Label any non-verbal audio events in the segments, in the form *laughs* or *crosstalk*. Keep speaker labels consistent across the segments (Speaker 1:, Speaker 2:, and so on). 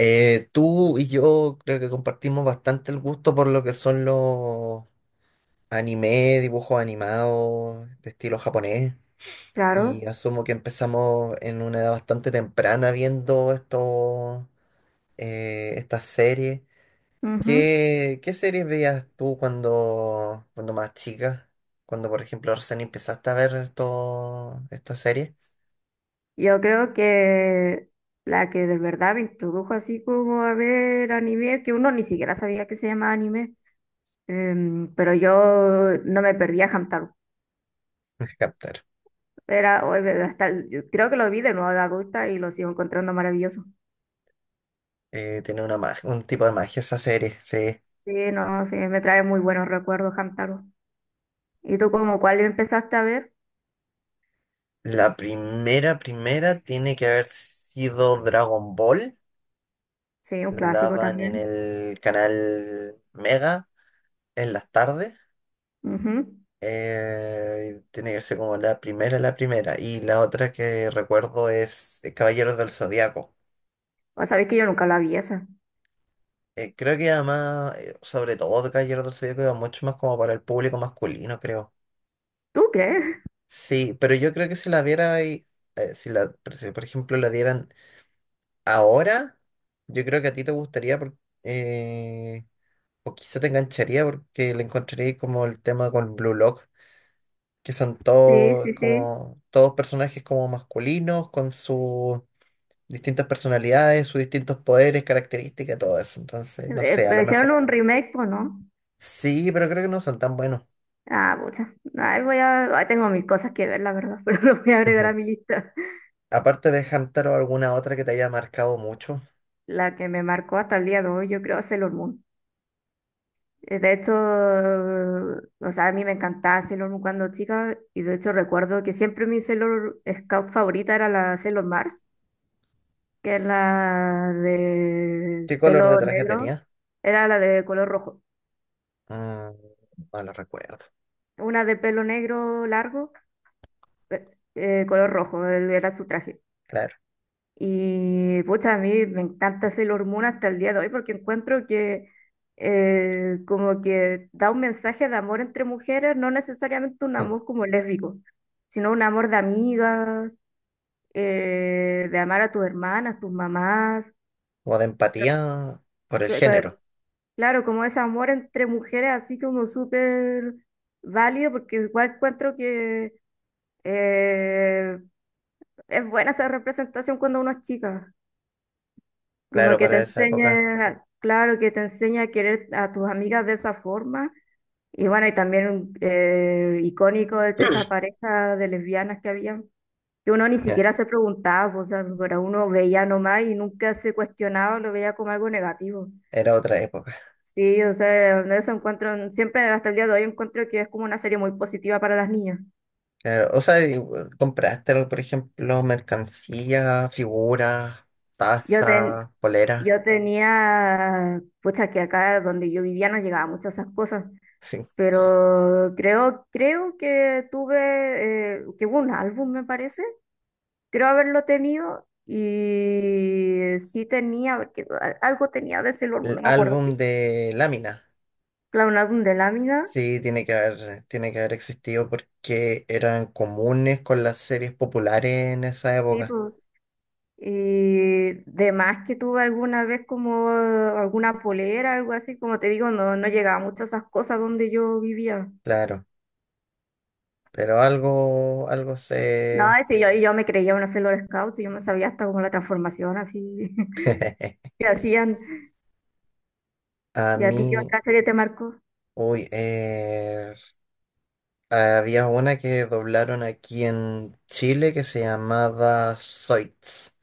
Speaker 1: Tú y yo creo que compartimos bastante el gusto por lo que son los anime, dibujos animados de estilo japonés. Y
Speaker 2: Claro,
Speaker 1: asumo que empezamos en una edad bastante temprana viendo estas series.
Speaker 2: ujú.
Speaker 1: ¿Qué series veías tú cuando más chica? Cuando, por ejemplo, recién empezaste a ver esta serie.
Speaker 2: Yo creo que la que de verdad me introdujo así como a ver anime, que uno ni siquiera sabía que se llamaba anime, pero yo no me perdía Hamtaro.
Speaker 1: *laughs* Captar.
Speaker 2: Era, o- hasta, el- Yo creo que lo vi de nuevo de adulta y lo sigo encontrando maravilloso.
Speaker 1: Tiene una un tipo de magia esa serie, sí.
Speaker 2: Sí, no, sí, me trae muy buenos recuerdos Hamtaro. ¿Y tú como cuál empezaste a ver?
Speaker 1: La primera tiene que haber sido Dragon Ball.
Speaker 2: Sí, un
Speaker 1: La
Speaker 2: clásico
Speaker 1: daban en
Speaker 2: también.
Speaker 1: el canal Mega en las tardes.
Speaker 2: Ujú.
Speaker 1: Tiene que ser como la primera. Y la otra que recuerdo es Caballeros del Zodiaco.
Speaker 2: O sabes que yo nunca la vi esa.
Speaker 1: Creo que además, sobre todo de Caballeros del Zodiaco, iba mucho más como para el público masculino, creo.
Speaker 2: ¿Tú crees? *laughs*
Speaker 1: Sí, pero yo creo que si la viera ahí, si la, pero si, por ejemplo la dieran ahora, yo creo que a ti te gustaría porque o quizá te engancharía porque le encontraría como el tema con Blue Lock, que son
Speaker 2: Sí,
Speaker 1: todos
Speaker 2: sí, sí.
Speaker 1: como todos personajes como masculinos, con sus distintas personalidades, sus distintos poderes, características, todo eso. Entonces, no sé, a
Speaker 2: Pero
Speaker 1: lo
Speaker 2: hicieron
Speaker 1: mejor.
Speaker 2: un remake, pues, ¿no?
Speaker 1: Sí, pero creo que no son tan buenos.
Speaker 2: Ah, pucha. Ahí tengo mil cosas que ver, la verdad, *laughs* pero lo voy a agregar a mi
Speaker 1: *laughs*
Speaker 2: lista.
Speaker 1: Aparte de Hamtaro, ¿alguna otra que te haya marcado mucho?
Speaker 2: La que me marcó hasta el día de hoy, yo creo, es Sailor Moon. De hecho, o sea, a mí me encantaba Sailor Moon cuando chica, y de hecho recuerdo que siempre mi Sailor Scout favorita era la Sailor Mars, que es la de
Speaker 1: ¿Qué color de
Speaker 2: pelo
Speaker 1: traje
Speaker 2: negro,
Speaker 1: tenía?
Speaker 2: era la de color rojo.
Speaker 1: Mm, no lo recuerdo.
Speaker 2: Una de pelo negro largo, color rojo, era su traje.
Speaker 1: Claro.
Speaker 2: Y pucha, a mí me encanta Sailor Moon hasta el día de hoy porque encuentro que como que da un mensaje de amor entre mujeres, no necesariamente un
Speaker 1: Mm.
Speaker 2: amor como lésbico, sino un amor de amigas, de amar a tus hermanas, tus mamás.
Speaker 1: O de empatía por el
Speaker 2: que-
Speaker 1: género.
Speaker 2: que- Claro, como ese amor entre mujeres así como súper válido porque igual encuentro que eh, es buena esa representación cuando uno es chica. Como
Speaker 1: Claro,
Speaker 2: que te
Speaker 1: para esa época.
Speaker 2: enseña, claro, que te enseña a querer a tus amigas de esa forma. Y bueno, y también icónico de esa
Speaker 1: *clears throat*
Speaker 2: pareja de lesbianas que había, que uno ni
Speaker 1: Ya,
Speaker 2: siquiera se preguntaba, pues, o sea, pero uno veía nomás y nunca se cuestionaba, lo veía como algo negativo.
Speaker 1: era otra época.
Speaker 2: Sí, o sea, de eso encuentro, siempre hasta el día de hoy encuentro que es como una serie muy positiva para las niñas.
Speaker 1: Claro, o sea, compraste, por ejemplo, mercancía, figuras,
Speaker 2: Yo, ten,
Speaker 1: tazas, poleras,
Speaker 2: yo tenía, pucha, que acá donde yo vivía no llegaba muchas esas cosas.
Speaker 1: sí.
Speaker 2: Pero creo que tuve, que hubo un álbum, me parece. Creo haberlo tenido y sí tenía, porque algo tenía de Sailor Moon,
Speaker 1: El
Speaker 2: no me acuerdo
Speaker 1: álbum
Speaker 2: qué.
Speaker 1: de láminas,
Speaker 2: Claro, un álbum de lámina.
Speaker 1: sí, tiene que haber existido porque eran comunes con las series populares en esa
Speaker 2: Sí,
Speaker 1: época,
Speaker 2: pues. Y de más que tuve alguna vez como alguna polera, algo así, como te digo, no, no llegaba mucho a esas cosas donde yo vivía.
Speaker 1: claro. Pero algo
Speaker 2: No,
Speaker 1: se...
Speaker 2: y sí, y yo me creía una Sailor Scout, y yo me sabía hasta como la transformación así *laughs*
Speaker 1: *laughs*
Speaker 2: que hacían.
Speaker 1: A
Speaker 2: ¿Y a ti qué
Speaker 1: mí,
Speaker 2: otra serie te marcó?
Speaker 1: uy, eh, había una que doblaron aquí en Chile que se llamaba Zoids.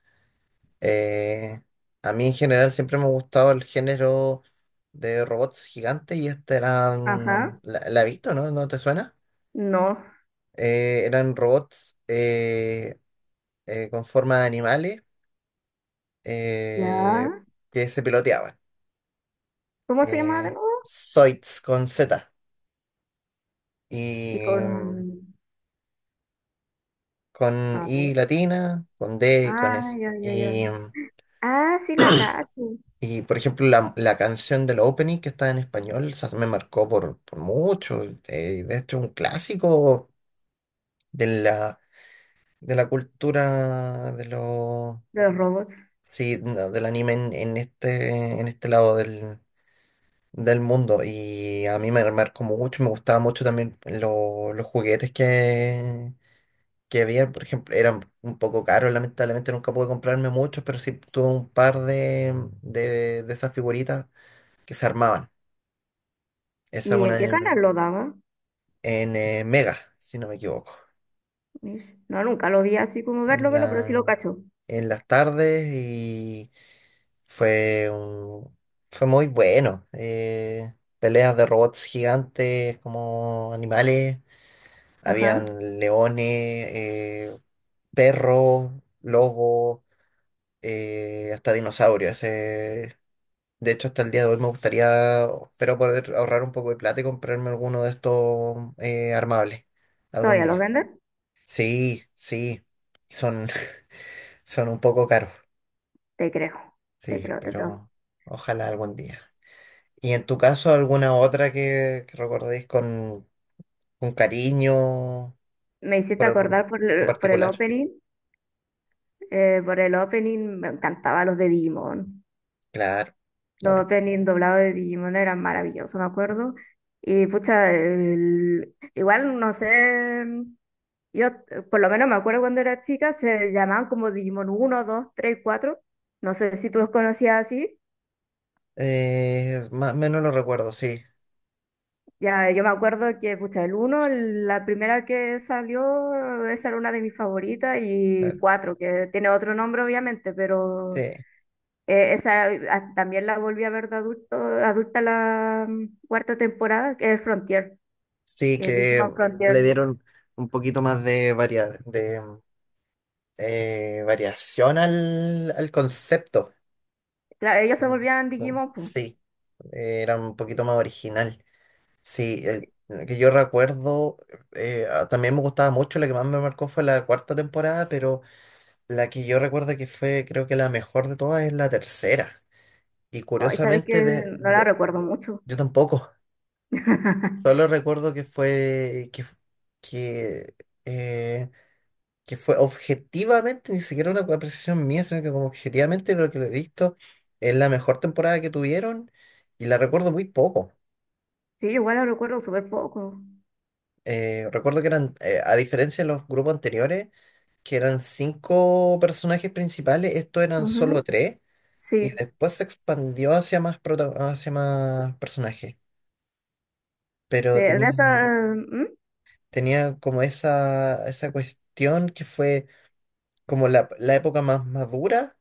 Speaker 1: Eh, a mí en general siempre me ha gustado el género de robots gigantes y este eran,
Speaker 2: Ajá,
Speaker 1: la he visto, ¿no? ¿No te suena?
Speaker 2: no,
Speaker 1: Eran robots con forma de animales eh,
Speaker 2: ya.
Speaker 1: que se piloteaban.
Speaker 2: ¿Cómo se llama de
Speaker 1: Eh,
Speaker 2: nuevo?
Speaker 1: Zoids con Z
Speaker 2: Y
Speaker 1: y
Speaker 2: con...
Speaker 1: con
Speaker 2: A ver,
Speaker 1: I latina, con D y con
Speaker 2: ah,
Speaker 1: S.
Speaker 2: ya, ya, ya. Ah, sí, la cacho,
Speaker 1: Y por ejemplo, la canción del opening que está en español, esa me marcó por mucho. De hecho, un clásico de la cultura de los
Speaker 2: de los robots.
Speaker 1: sí, no, del anime en este lado del mundo. Y a mí me marcó mucho, me gustaba mucho también los juguetes que había. Por ejemplo, eran un poco caros, lamentablemente nunca pude comprarme muchos, pero sí tuve un par de esas figuritas que se armaban. Esa es
Speaker 2: ¿Y en
Speaker 1: una
Speaker 2: qué
Speaker 1: en,
Speaker 2: canal lo daba?
Speaker 1: en, eh, Mega, si no me equivoco.
Speaker 2: Mish, no, nunca lo vi así como
Speaker 1: En
Speaker 2: verlo, verlo, pero sí lo cacho.
Speaker 1: en las tardes y fue un- fue muy bueno. Peleas de robots gigantes como animales.
Speaker 2: Ajá.
Speaker 1: Habían leones, perros, lobos, hasta dinosaurios. De hecho, hasta el día de hoy me gustaría, espero poder ahorrar un poco de plata y comprarme alguno de estos armables algún
Speaker 2: ¿Todavía los
Speaker 1: día.
Speaker 2: venden?
Speaker 1: Sí, sí, son, *laughs* son un poco caros,
Speaker 2: Te creo, te
Speaker 1: sí,
Speaker 2: creo, te creo.
Speaker 1: pero ojalá algún día. ¿Y en tu caso alguna otra que recordéis con cariño
Speaker 2: Me hiciste
Speaker 1: por algún
Speaker 2: acordar
Speaker 1: en particular?
Speaker 2: por el opening me encantaban los de Digimon.
Speaker 1: Claro,
Speaker 2: Los
Speaker 1: claro.
Speaker 2: openings doblados de Digimon eran maravillosos, me acuerdo. Y pucha, igual no sé, yo por lo menos me acuerdo cuando era chica, se llamaban como Digimon uno 2 3 cuatro. No sé si tú los conocías así.
Speaker 1: Más o menos lo recuerdo, sí,
Speaker 2: Ya, yo me acuerdo que, pucha, el uno, la primera que salió, esa era una de mis favoritas, y
Speaker 1: claro.
Speaker 2: 4 que tiene otro nombre obviamente, pero
Speaker 1: Sí,
Speaker 2: también la volví a ver de adulto, adulta la cuarta temporada, que es Frontier.
Speaker 1: sí, que
Speaker 2: Digimon Frontier.
Speaker 1: le dieron un poquito más de variación al concepto.
Speaker 2: Claro, ellos se
Speaker 1: Como-
Speaker 2: volvían Digimon, pues.
Speaker 1: Sí, era un poquito más original. Sí, que yo recuerdo, también me gustaba mucho, la que más me marcó fue la cuarta temporada, pero la que yo recuerdo que fue, creo que la mejor de todas es la tercera. Y
Speaker 2: Ay, sabes que
Speaker 1: curiosamente,
Speaker 2: no la recuerdo mucho.
Speaker 1: yo tampoco, *laughs*
Speaker 2: *laughs*
Speaker 1: solo recuerdo que que, eh, que fue objetivamente, ni siquiera una apreciación mía, sino que como objetivamente de lo que lo he visto, es la mejor temporada que tuvieron y la recuerdo muy poco.
Speaker 2: Sí, igual la recuerdo súper poco.
Speaker 1: Recuerdo que eran, a diferencia de los grupos anteriores, que eran cinco personajes principales, estos eran solo
Speaker 2: Ujú.
Speaker 1: tres, y
Speaker 2: Sí,
Speaker 1: después se expandió hacia hacia más personajes.
Speaker 2: sí,
Speaker 1: Pero
Speaker 2: de esa,
Speaker 1: tenía como esa cuestión que fue como la época más madura,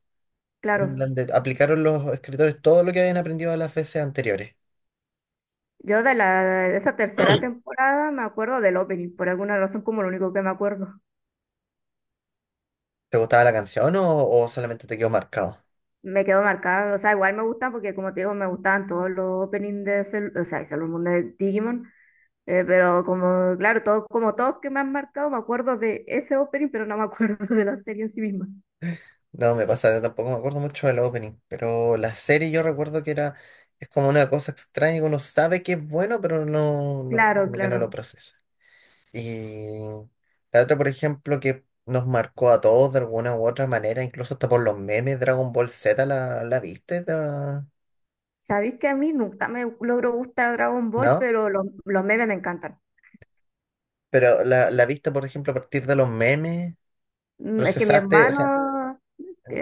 Speaker 1: en
Speaker 2: claro.
Speaker 1: donde aplicaron los escritores todo lo que habían aprendido las veces anteriores.
Speaker 2: Yo de esa tercera temporada me acuerdo del opening, por alguna razón como lo único que me acuerdo.
Speaker 1: ¿Te gustaba la canción o solamente te quedó marcado?
Speaker 2: Me quedó marcado, o sea, igual me gustan porque como te digo, me gustaban todos los openings de Cell, o sea, de Sailor Moon de Digimon, pero como, claro, todo, como todos que me han marcado, me acuerdo de ese opening, pero no me acuerdo *laughs* de la serie en sí misma.
Speaker 1: No, me pasa, tampoco me acuerdo mucho del opening, pero la serie yo recuerdo que era, es como una cosa extraña que uno sabe que es bueno, pero no, no,
Speaker 2: Claro,
Speaker 1: como que no
Speaker 2: claro.
Speaker 1: lo procesa. Y la otra, por ejemplo, que nos marcó a todos de alguna u otra manera, incluso hasta por los memes, Dragon Ball Z, la viste? ¿La
Speaker 2: Sabéis que a mí nunca me logró gustar Dragon Ball,
Speaker 1: ¿no?
Speaker 2: pero los memes me encantan.
Speaker 1: Pero la viste, por ejemplo, a partir de los memes,
Speaker 2: Mm, es que mi
Speaker 1: procesaste, o sea,
Speaker 2: hermano,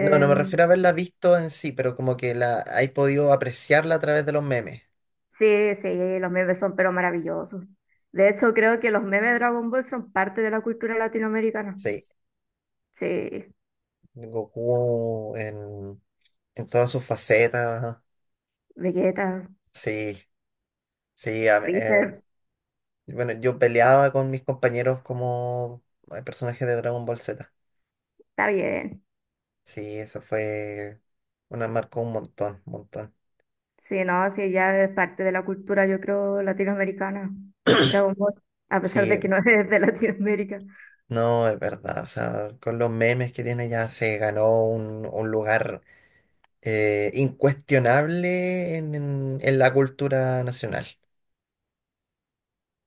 Speaker 1: no, no me refiero a haberla visto en sí, pero como que la hay podido apreciarla a través de los memes.
Speaker 2: sí, sí, los memes son pero maravillosos. De hecho, creo que los memes de Dragon Ball son parte de la cultura latinoamericana.
Speaker 1: Sí.
Speaker 2: Sí,
Speaker 1: Goku en todas sus facetas.
Speaker 2: Vegeta,
Speaker 1: Sí, sí.
Speaker 2: Freezer,
Speaker 1: Bueno, yo peleaba con mis compañeros como personajes de Dragon Ball Z.
Speaker 2: está bien.
Speaker 1: Sí, eso fue una marcó un montón, un montón.
Speaker 2: Sí, no, sí, ya es parte de la cultura, yo creo, latinoamericana. Dragon Ball, a pesar de
Speaker 1: Sí,
Speaker 2: que no *laughs* es de Latinoamérica.
Speaker 1: no, es verdad. O sea, con los memes que tiene ya se ganó un lugar incuestionable en la cultura nacional.